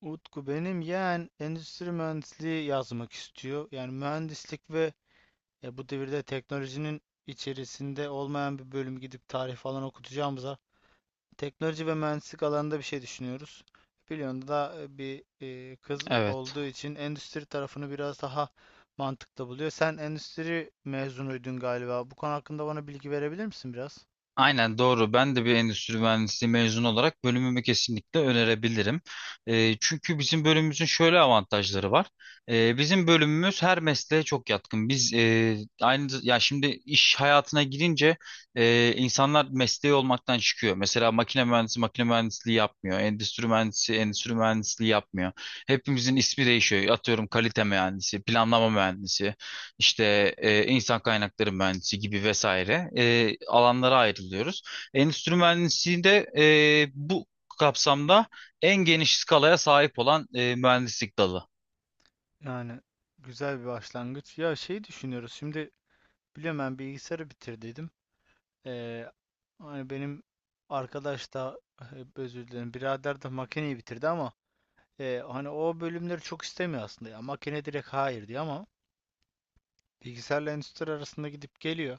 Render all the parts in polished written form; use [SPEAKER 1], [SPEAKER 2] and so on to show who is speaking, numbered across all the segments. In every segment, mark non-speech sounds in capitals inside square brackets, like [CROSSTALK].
[SPEAKER 1] Utku benim yeğen endüstri mühendisliği yazmak istiyor. Yani mühendislik ve ya bu devirde teknolojinin içerisinde olmayan bir bölüm gidip tarih falan okutacağımıza teknoloji ve mühendislik alanında bir şey düşünüyoruz. Biliyorsun da bir kız
[SPEAKER 2] Evet.
[SPEAKER 1] olduğu için endüstri tarafını biraz daha mantıklı buluyor. Sen endüstri mezunuydun galiba. Bu konu hakkında bana bilgi verebilir misin biraz?
[SPEAKER 2] Aynen doğru. Ben de bir endüstri mühendisliği mezunu olarak bölümümü kesinlikle önerebilirim. Çünkü bizim bölümümüzün şöyle avantajları var. Bizim bölümümüz her mesleğe çok yatkın. Biz aynı ya şimdi iş hayatına girince insanlar mesleği olmaktan çıkıyor. Mesela makine mühendisi makine mühendisliği yapmıyor. Endüstri mühendisi endüstri mühendisliği yapmıyor. Hepimizin ismi değişiyor. Atıyorum kalite mühendisi, planlama mühendisi. İşte insan kaynakları mühendisi gibi vesaire alanlara ayrılıyoruz. Endüstri mühendisliğinde bu kapsamda en geniş skalaya sahip olan mühendislik dalı.
[SPEAKER 1] Yani güzel bir başlangıç. Ya şey düşünüyoruz. Şimdi biliyorum ben bilgisayarı bitirdiydim. Ee, Hani benim arkadaş da hep özür dilerim birader de makineyi bitirdi ama hani o bölümleri çok istemiyor aslında ya makine direkt hayır diyor ama bilgisayarla endüstri arasında gidip geliyor.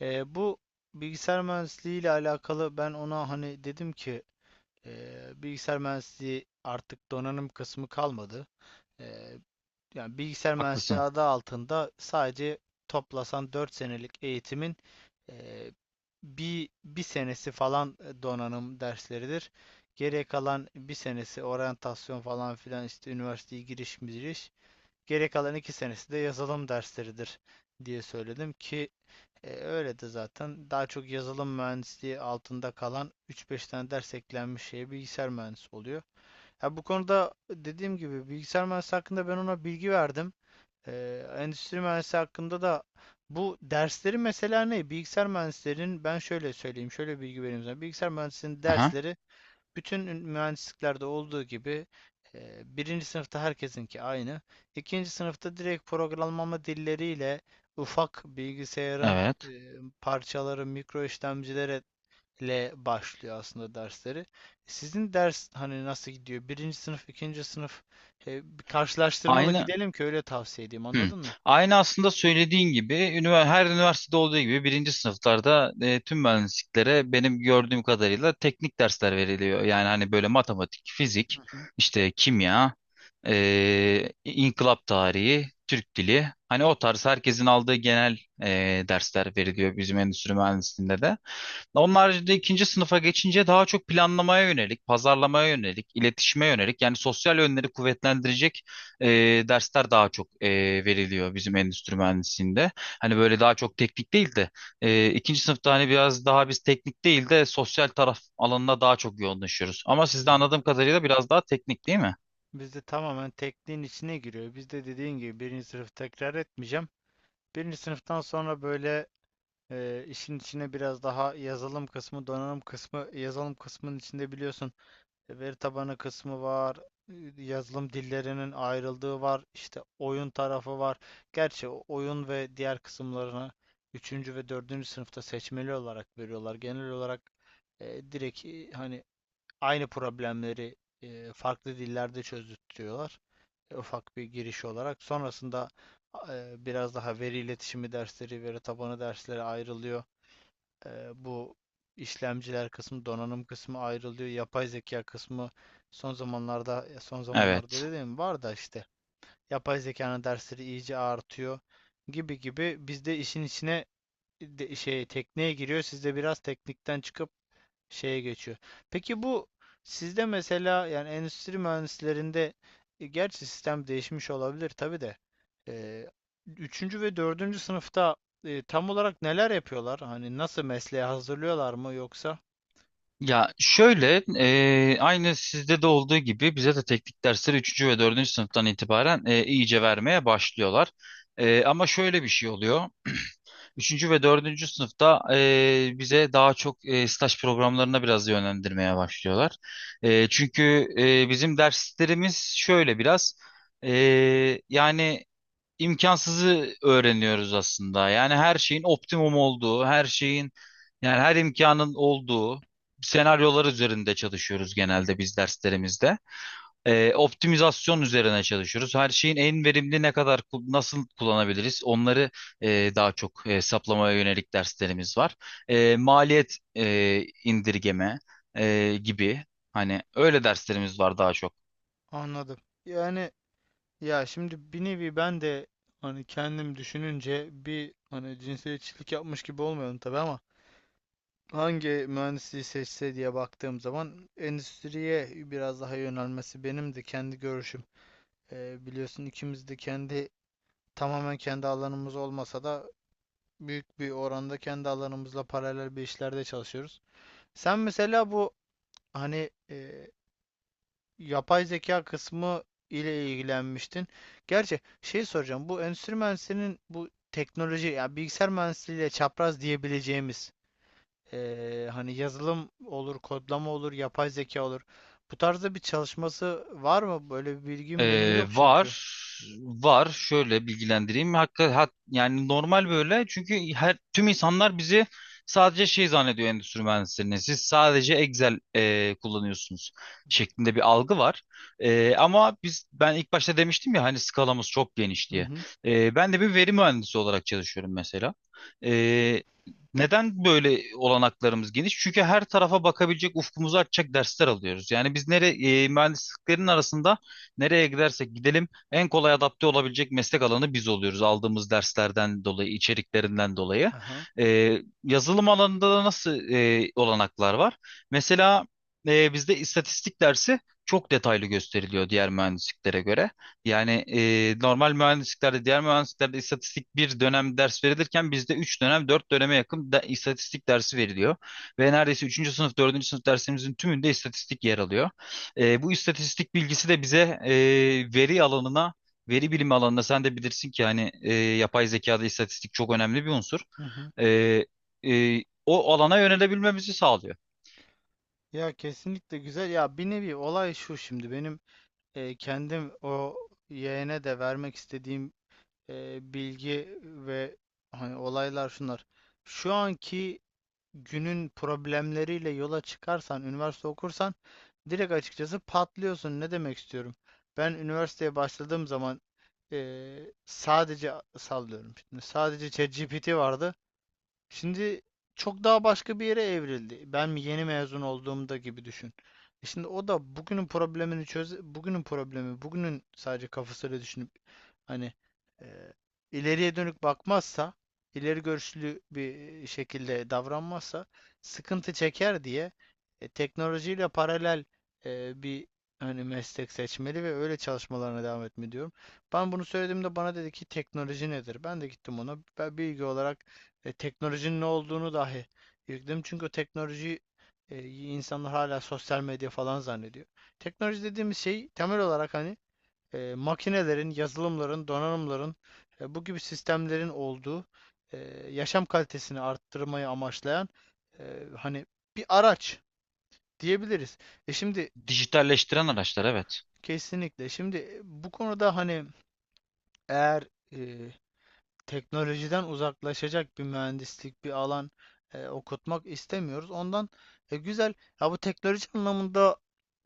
[SPEAKER 1] Bu bilgisayar mühendisliği ile alakalı ben ona hani dedim ki bilgisayar mühendisliği artık donanım kısmı kalmadı. E, Yani bilgisayar mühendisliği
[SPEAKER 2] Haklısın.
[SPEAKER 1] adı altında sadece toplasan 4 senelik eğitimin eee, bir senesi falan donanım dersleridir. Geriye kalan bir senesi oryantasyon falan filan işte üniversiteye giriş giriş. Geriye kalan iki senesi de yazılım dersleridir diye söyledim ki öyle de zaten daha çok yazılım mühendisliği altında kalan üç beş tane ders eklenmiş şeye bilgisayar mühendisi oluyor. Ha, bu konuda dediğim gibi bilgisayar mühendisi hakkında ben ona bilgi verdim. Endüstri mühendisi hakkında da bu dersleri mesela ne? Bilgisayar mühendislerinin ben şöyle söyleyeyim, şöyle bilgi vereyim sana. Bilgisayar mühendisinin
[SPEAKER 2] Aha,
[SPEAKER 1] dersleri bütün mühendisliklerde olduğu gibi birinci sınıfta herkesinki aynı. İkinci sınıfta direkt programlama dilleriyle ufak bilgisayarın
[SPEAKER 2] evet.
[SPEAKER 1] parçaları, mikro işlemcilerle başlıyor aslında dersleri. Sizin ders hani nasıl gidiyor? Birinci sınıf, ikinci sınıf bir karşılaştırmalı
[SPEAKER 2] Aynı.
[SPEAKER 1] gidelim ki öyle tavsiye edeyim.
[SPEAKER 2] Hı.
[SPEAKER 1] Anladın mı?
[SPEAKER 2] Aynı aslında söylediğin gibi her üniversitede olduğu gibi birinci sınıflarda tüm mühendisliklere benim gördüğüm kadarıyla teknik dersler veriliyor. Yani hani böyle matematik,
[SPEAKER 1] Hı
[SPEAKER 2] fizik,
[SPEAKER 1] hı,
[SPEAKER 2] işte kimya, inkılap tarihi, Türk dili. Hani o tarz herkesin aldığı genel dersler veriliyor bizim endüstri mühendisliğinde de. Onun haricinde ikinci sınıfa geçince daha çok planlamaya yönelik, pazarlamaya yönelik, iletişime yönelik yani sosyal yönleri kuvvetlendirecek e, dersler daha çok veriliyor bizim endüstri mühendisliğinde. Hani böyle daha çok teknik değil de ikinci sınıfta hani biraz daha biz teknik değil de sosyal taraf alanına daha çok yoğunlaşıyoruz. Ama siz
[SPEAKER 1] hı
[SPEAKER 2] de
[SPEAKER 1] hı.
[SPEAKER 2] anladığım kadarıyla biraz daha teknik değil mi?
[SPEAKER 1] Bizde tamamen tekniğin içine giriyor. Bizde dediğin gibi birinci sınıf tekrar etmeyeceğim. Birinci sınıftan sonra böyle işin içine biraz daha yazılım kısmı, donanım kısmı, yazılım kısmının içinde biliyorsun veri tabanı kısmı var, yazılım dillerinin ayrıldığı var, işte oyun tarafı var. Gerçi oyun ve diğer kısımlarını üçüncü ve dördüncü sınıfta seçmeli olarak veriyorlar. Genel olarak direkt hani aynı problemleri farklı dillerde çözdürtüyorlar. Ufak bir giriş olarak. Sonrasında biraz daha veri iletişimi dersleri, veri tabanı dersleri ayrılıyor. E, Bu işlemciler kısmı, donanım kısmı ayrılıyor. Yapay zeka kısmı son zamanlarda, son zamanlarda
[SPEAKER 2] Evet.
[SPEAKER 1] dediğim var da işte yapay zekanın dersleri iyice artıyor gibi gibi biz de işin içine de, şey tekneye giriyor. Siz de biraz teknikten çıkıp şeye geçiyor. Peki bu sizde mesela yani endüstri mühendislerinde gerçi sistem değişmiş olabilir tabii de e, üçüncü ve dördüncü sınıfta tam olarak neler yapıyorlar? Hani nasıl mesleğe hazırlıyorlar mı yoksa?
[SPEAKER 2] Ya şöyle aynı sizde de olduğu gibi bize de teknik dersleri üçüncü ve dördüncü sınıftan itibaren iyice vermeye başlıyorlar. Ama şöyle bir şey oluyor. Üçüncü ve dördüncü sınıfta bize daha çok staj programlarına biraz yönlendirmeye başlıyorlar. Çünkü bizim derslerimiz şöyle biraz e, yani imkansızı öğreniyoruz aslında. Yani her şeyin optimum olduğu, her şeyin yani her imkanın olduğu senaryolar üzerinde çalışıyoruz genelde biz derslerimizde. Optimizasyon üzerine çalışıyoruz. Her şeyin en verimli ne kadar nasıl kullanabiliriz? Onları daha çok hesaplamaya yönelik derslerimiz var. Maliyet indirgeme gibi hani öyle derslerimiz var daha çok.
[SPEAKER 1] Anladım. Yani ya şimdi bir nevi ben de hani kendim düşününce bir hani cinsiyetçilik yapmış gibi olmayalım tabii ama hangi mühendisliği seçse diye baktığım zaman endüstriye biraz daha yönelmesi benim de kendi görüşüm. Biliyorsun ikimiz de kendi tamamen kendi alanımız olmasa da büyük bir oranda kendi alanımızla paralel bir işlerde çalışıyoruz. Sen mesela bu hani yapay zeka kısmı ile ilgilenmiştin. Gerçi şey soracağım bu endüstri mühendisliğinin bu teknoloji ya bilgisayar mühendisliğiyle çapraz diyebileceğimiz hani yazılım olur, kodlama olur, yapay zeka olur. Bu tarzda bir çalışması var mı? Böyle bir bilgim benim yok çünkü.
[SPEAKER 2] Var. Var. Şöyle bilgilendireyim. Hakikaten yani normal böyle. Çünkü her tüm insanlar bizi sadece şey zannediyor endüstri mühendislerini. Siz sadece Excel kullanıyorsunuz şeklinde bir algı var. Ama biz ben ilk başta demiştim ya hani skalamız çok geniş
[SPEAKER 1] Hı
[SPEAKER 2] diye.
[SPEAKER 1] hı.
[SPEAKER 2] Ben de bir veri mühendisi olarak çalışıyorum mesela. E, Neden böyle olanaklarımız geniş? Çünkü her tarafa bakabilecek ufkumuzu açacak dersler alıyoruz. Yani biz nereye mühendisliklerin arasında nereye gidersek gidelim en kolay adapte olabilecek meslek alanı biz oluyoruz aldığımız derslerden dolayı, içeriklerinden dolayı.
[SPEAKER 1] Aha.
[SPEAKER 2] Yazılım alanında da nasıl olanaklar var? Mesela bizde istatistik dersi çok detaylı gösteriliyor diğer mühendisliklere göre. Yani normal mühendisliklerde, diğer mühendisliklerde istatistik bir dönem ders verilirken bizde 3 dönem, 4 döneme yakın da, istatistik dersi veriliyor. Ve neredeyse üçüncü sınıf, dördüncü sınıf dersimizin tümünde istatistik yer alıyor. Bu istatistik bilgisi de bize e, veri alanına, veri bilimi alanına sen de bilirsin ki hani yapay zekada istatistik çok önemli bir unsur.
[SPEAKER 1] Hı hı.
[SPEAKER 2] E, O alana yönelebilmemizi sağlıyor.
[SPEAKER 1] Ya kesinlikle güzel. Ya bir nevi olay şu şimdi benim kendim o yeğene de vermek istediğim bilgi ve hani olaylar şunlar. Şu anki günün problemleriyle yola çıkarsan, üniversite okursan direkt açıkçası patlıyorsun. Ne demek istiyorum? Ben üniversiteye başladığım zaman e, sadece sallıyorum. Şimdi sadece ChatGPT vardı. Şimdi çok daha başka bir yere evrildi. Ben mi yeni mezun olduğumda gibi düşün. Şimdi o da bugünün problemini çöz, bugünün problemi, bugünün sadece kafasıyla düşünüp hani e, ileriye dönük bakmazsa, ileri görüşlü bir şekilde davranmazsa sıkıntı çeker diye teknolojiyle paralel bir hani meslek seçmeli ve öyle çalışmalarına devam etme diyorum. Ben bunu söylediğimde bana dedi ki teknoloji nedir? Ben de gittim ona. Ben bilgi olarak teknolojinin ne olduğunu dahi irkeledim. Çünkü o teknolojiyi insanlar hala sosyal medya falan zannediyor. Teknoloji dediğimiz şey temel olarak hani makinelerin, yazılımların, donanımların bu gibi sistemlerin olduğu e, yaşam kalitesini arttırmayı amaçlayan e, hani bir araç diyebiliriz. Şimdi
[SPEAKER 2] Dijitalleştiren araçlar, evet.
[SPEAKER 1] kesinlikle. Şimdi bu konuda hani eğer e, teknolojiden uzaklaşacak bir mühendislik bir alan okutmak istemiyoruz. Ondan güzel. Ya bu teknoloji anlamında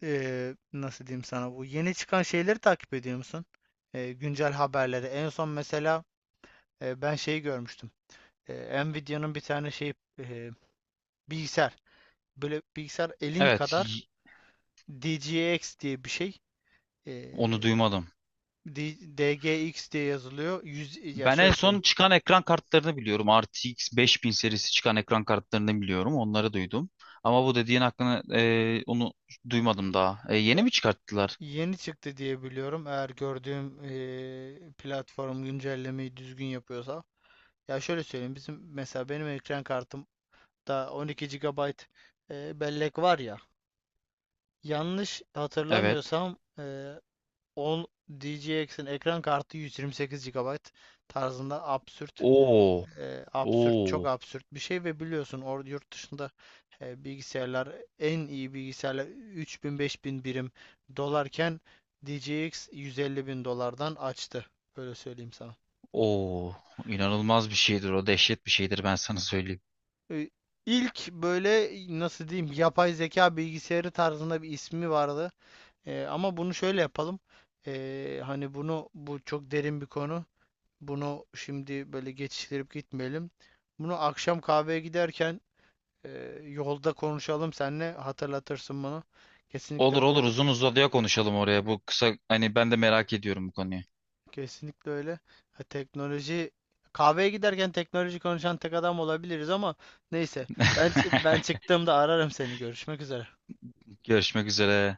[SPEAKER 1] nasıl diyeyim sana bu yeni çıkan şeyleri takip ediyor musun? Güncel haberleri. En son mesela ben şeyi görmüştüm. Nvidia'nın bir tane şey e, bilgisayar. Böyle bilgisayar elin
[SPEAKER 2] Evet,
[SPEAKER 1] kadar DGX diye bir şey. E,
[SPEAKER 2] onu duymadım.
[SPEAKER 1] DGX diye yazılıyor. 100, ya
[SPEAKER 2] Ben en
[SPEAKER 1] şöyle söyleyeyim.
[SPEAKER 2] son çıkan ekran kartlarını biliyorum. RTX 5000 serisi çıkan ekran kartlarını biliyorum. Onları duydum. Ama bu dediğin hakkını onu duymadım daha. Yeni mi çıkarttılar?
[SPEAKER 1] Yeni çıktı diye biliyorum. Eğer gördüğüm platform güncellemeyi düzgün yapıyorsa. Ya şöyle söyleyeyim. Bizim mesela benim ekran kartımda 12 GB bellek var ya. Yanlış
[SPEAKER 2] Evet.
[SPEAKER 1] hatırlamıyorsam 10 DGX'in ekran kartı 128 GB tarzında absürt
[SPEAKER 2] Oo.
[SPEAKER 1] absürt, çok
[SPEAKER 2] Oo.
[SPEAKER 1] absürt bir şey ve biliyorsun orada yurt dışında bilgisayarlar en iyi bilgisayarlar 3000 bin beş bin birim dolarken D J DJX 150 bin dolardan açtı. Böyle söyleyeyim sana.
[SPEAKER 2] Oo, inanılmaz bir şeydir o, dehşet bir şeydir ben sana söyleyeyim.
[SPEAKER 1] E, İlk böyle nasıl diyeyim yapay zeka bilgisayarı tarzında bir ismi vardı. Ama bunu şöyle yapalım. Hani bunu bu çok derin bir konu. Bunu şimdi böyle geçiştirip gitmeyelim. Bunu akşam kahveye giderken yolda konuşalım seninle hatırlatırsın bunu. Kesinlikle
[SPEAKER 2] Olur olur,
[SPEAKER 1] bu
[SPEAKER 2] uzun uzadıya konuşalım oraya, bu kısa hani ben de merak ediyorum bu konuyu.
[SPEAKER 1] kesinlikle öyle. Ha, teknoloji kahveye giderken teknoloji konuşan tek adam olabiliriz ama neyse
[SPEAKER 2] [LAUGHS]
[SPEAKER 1] ben ben çıktığımda ararım seni. Görüşmek üzere.
[SPEAKER 2] Görüşmek üzere.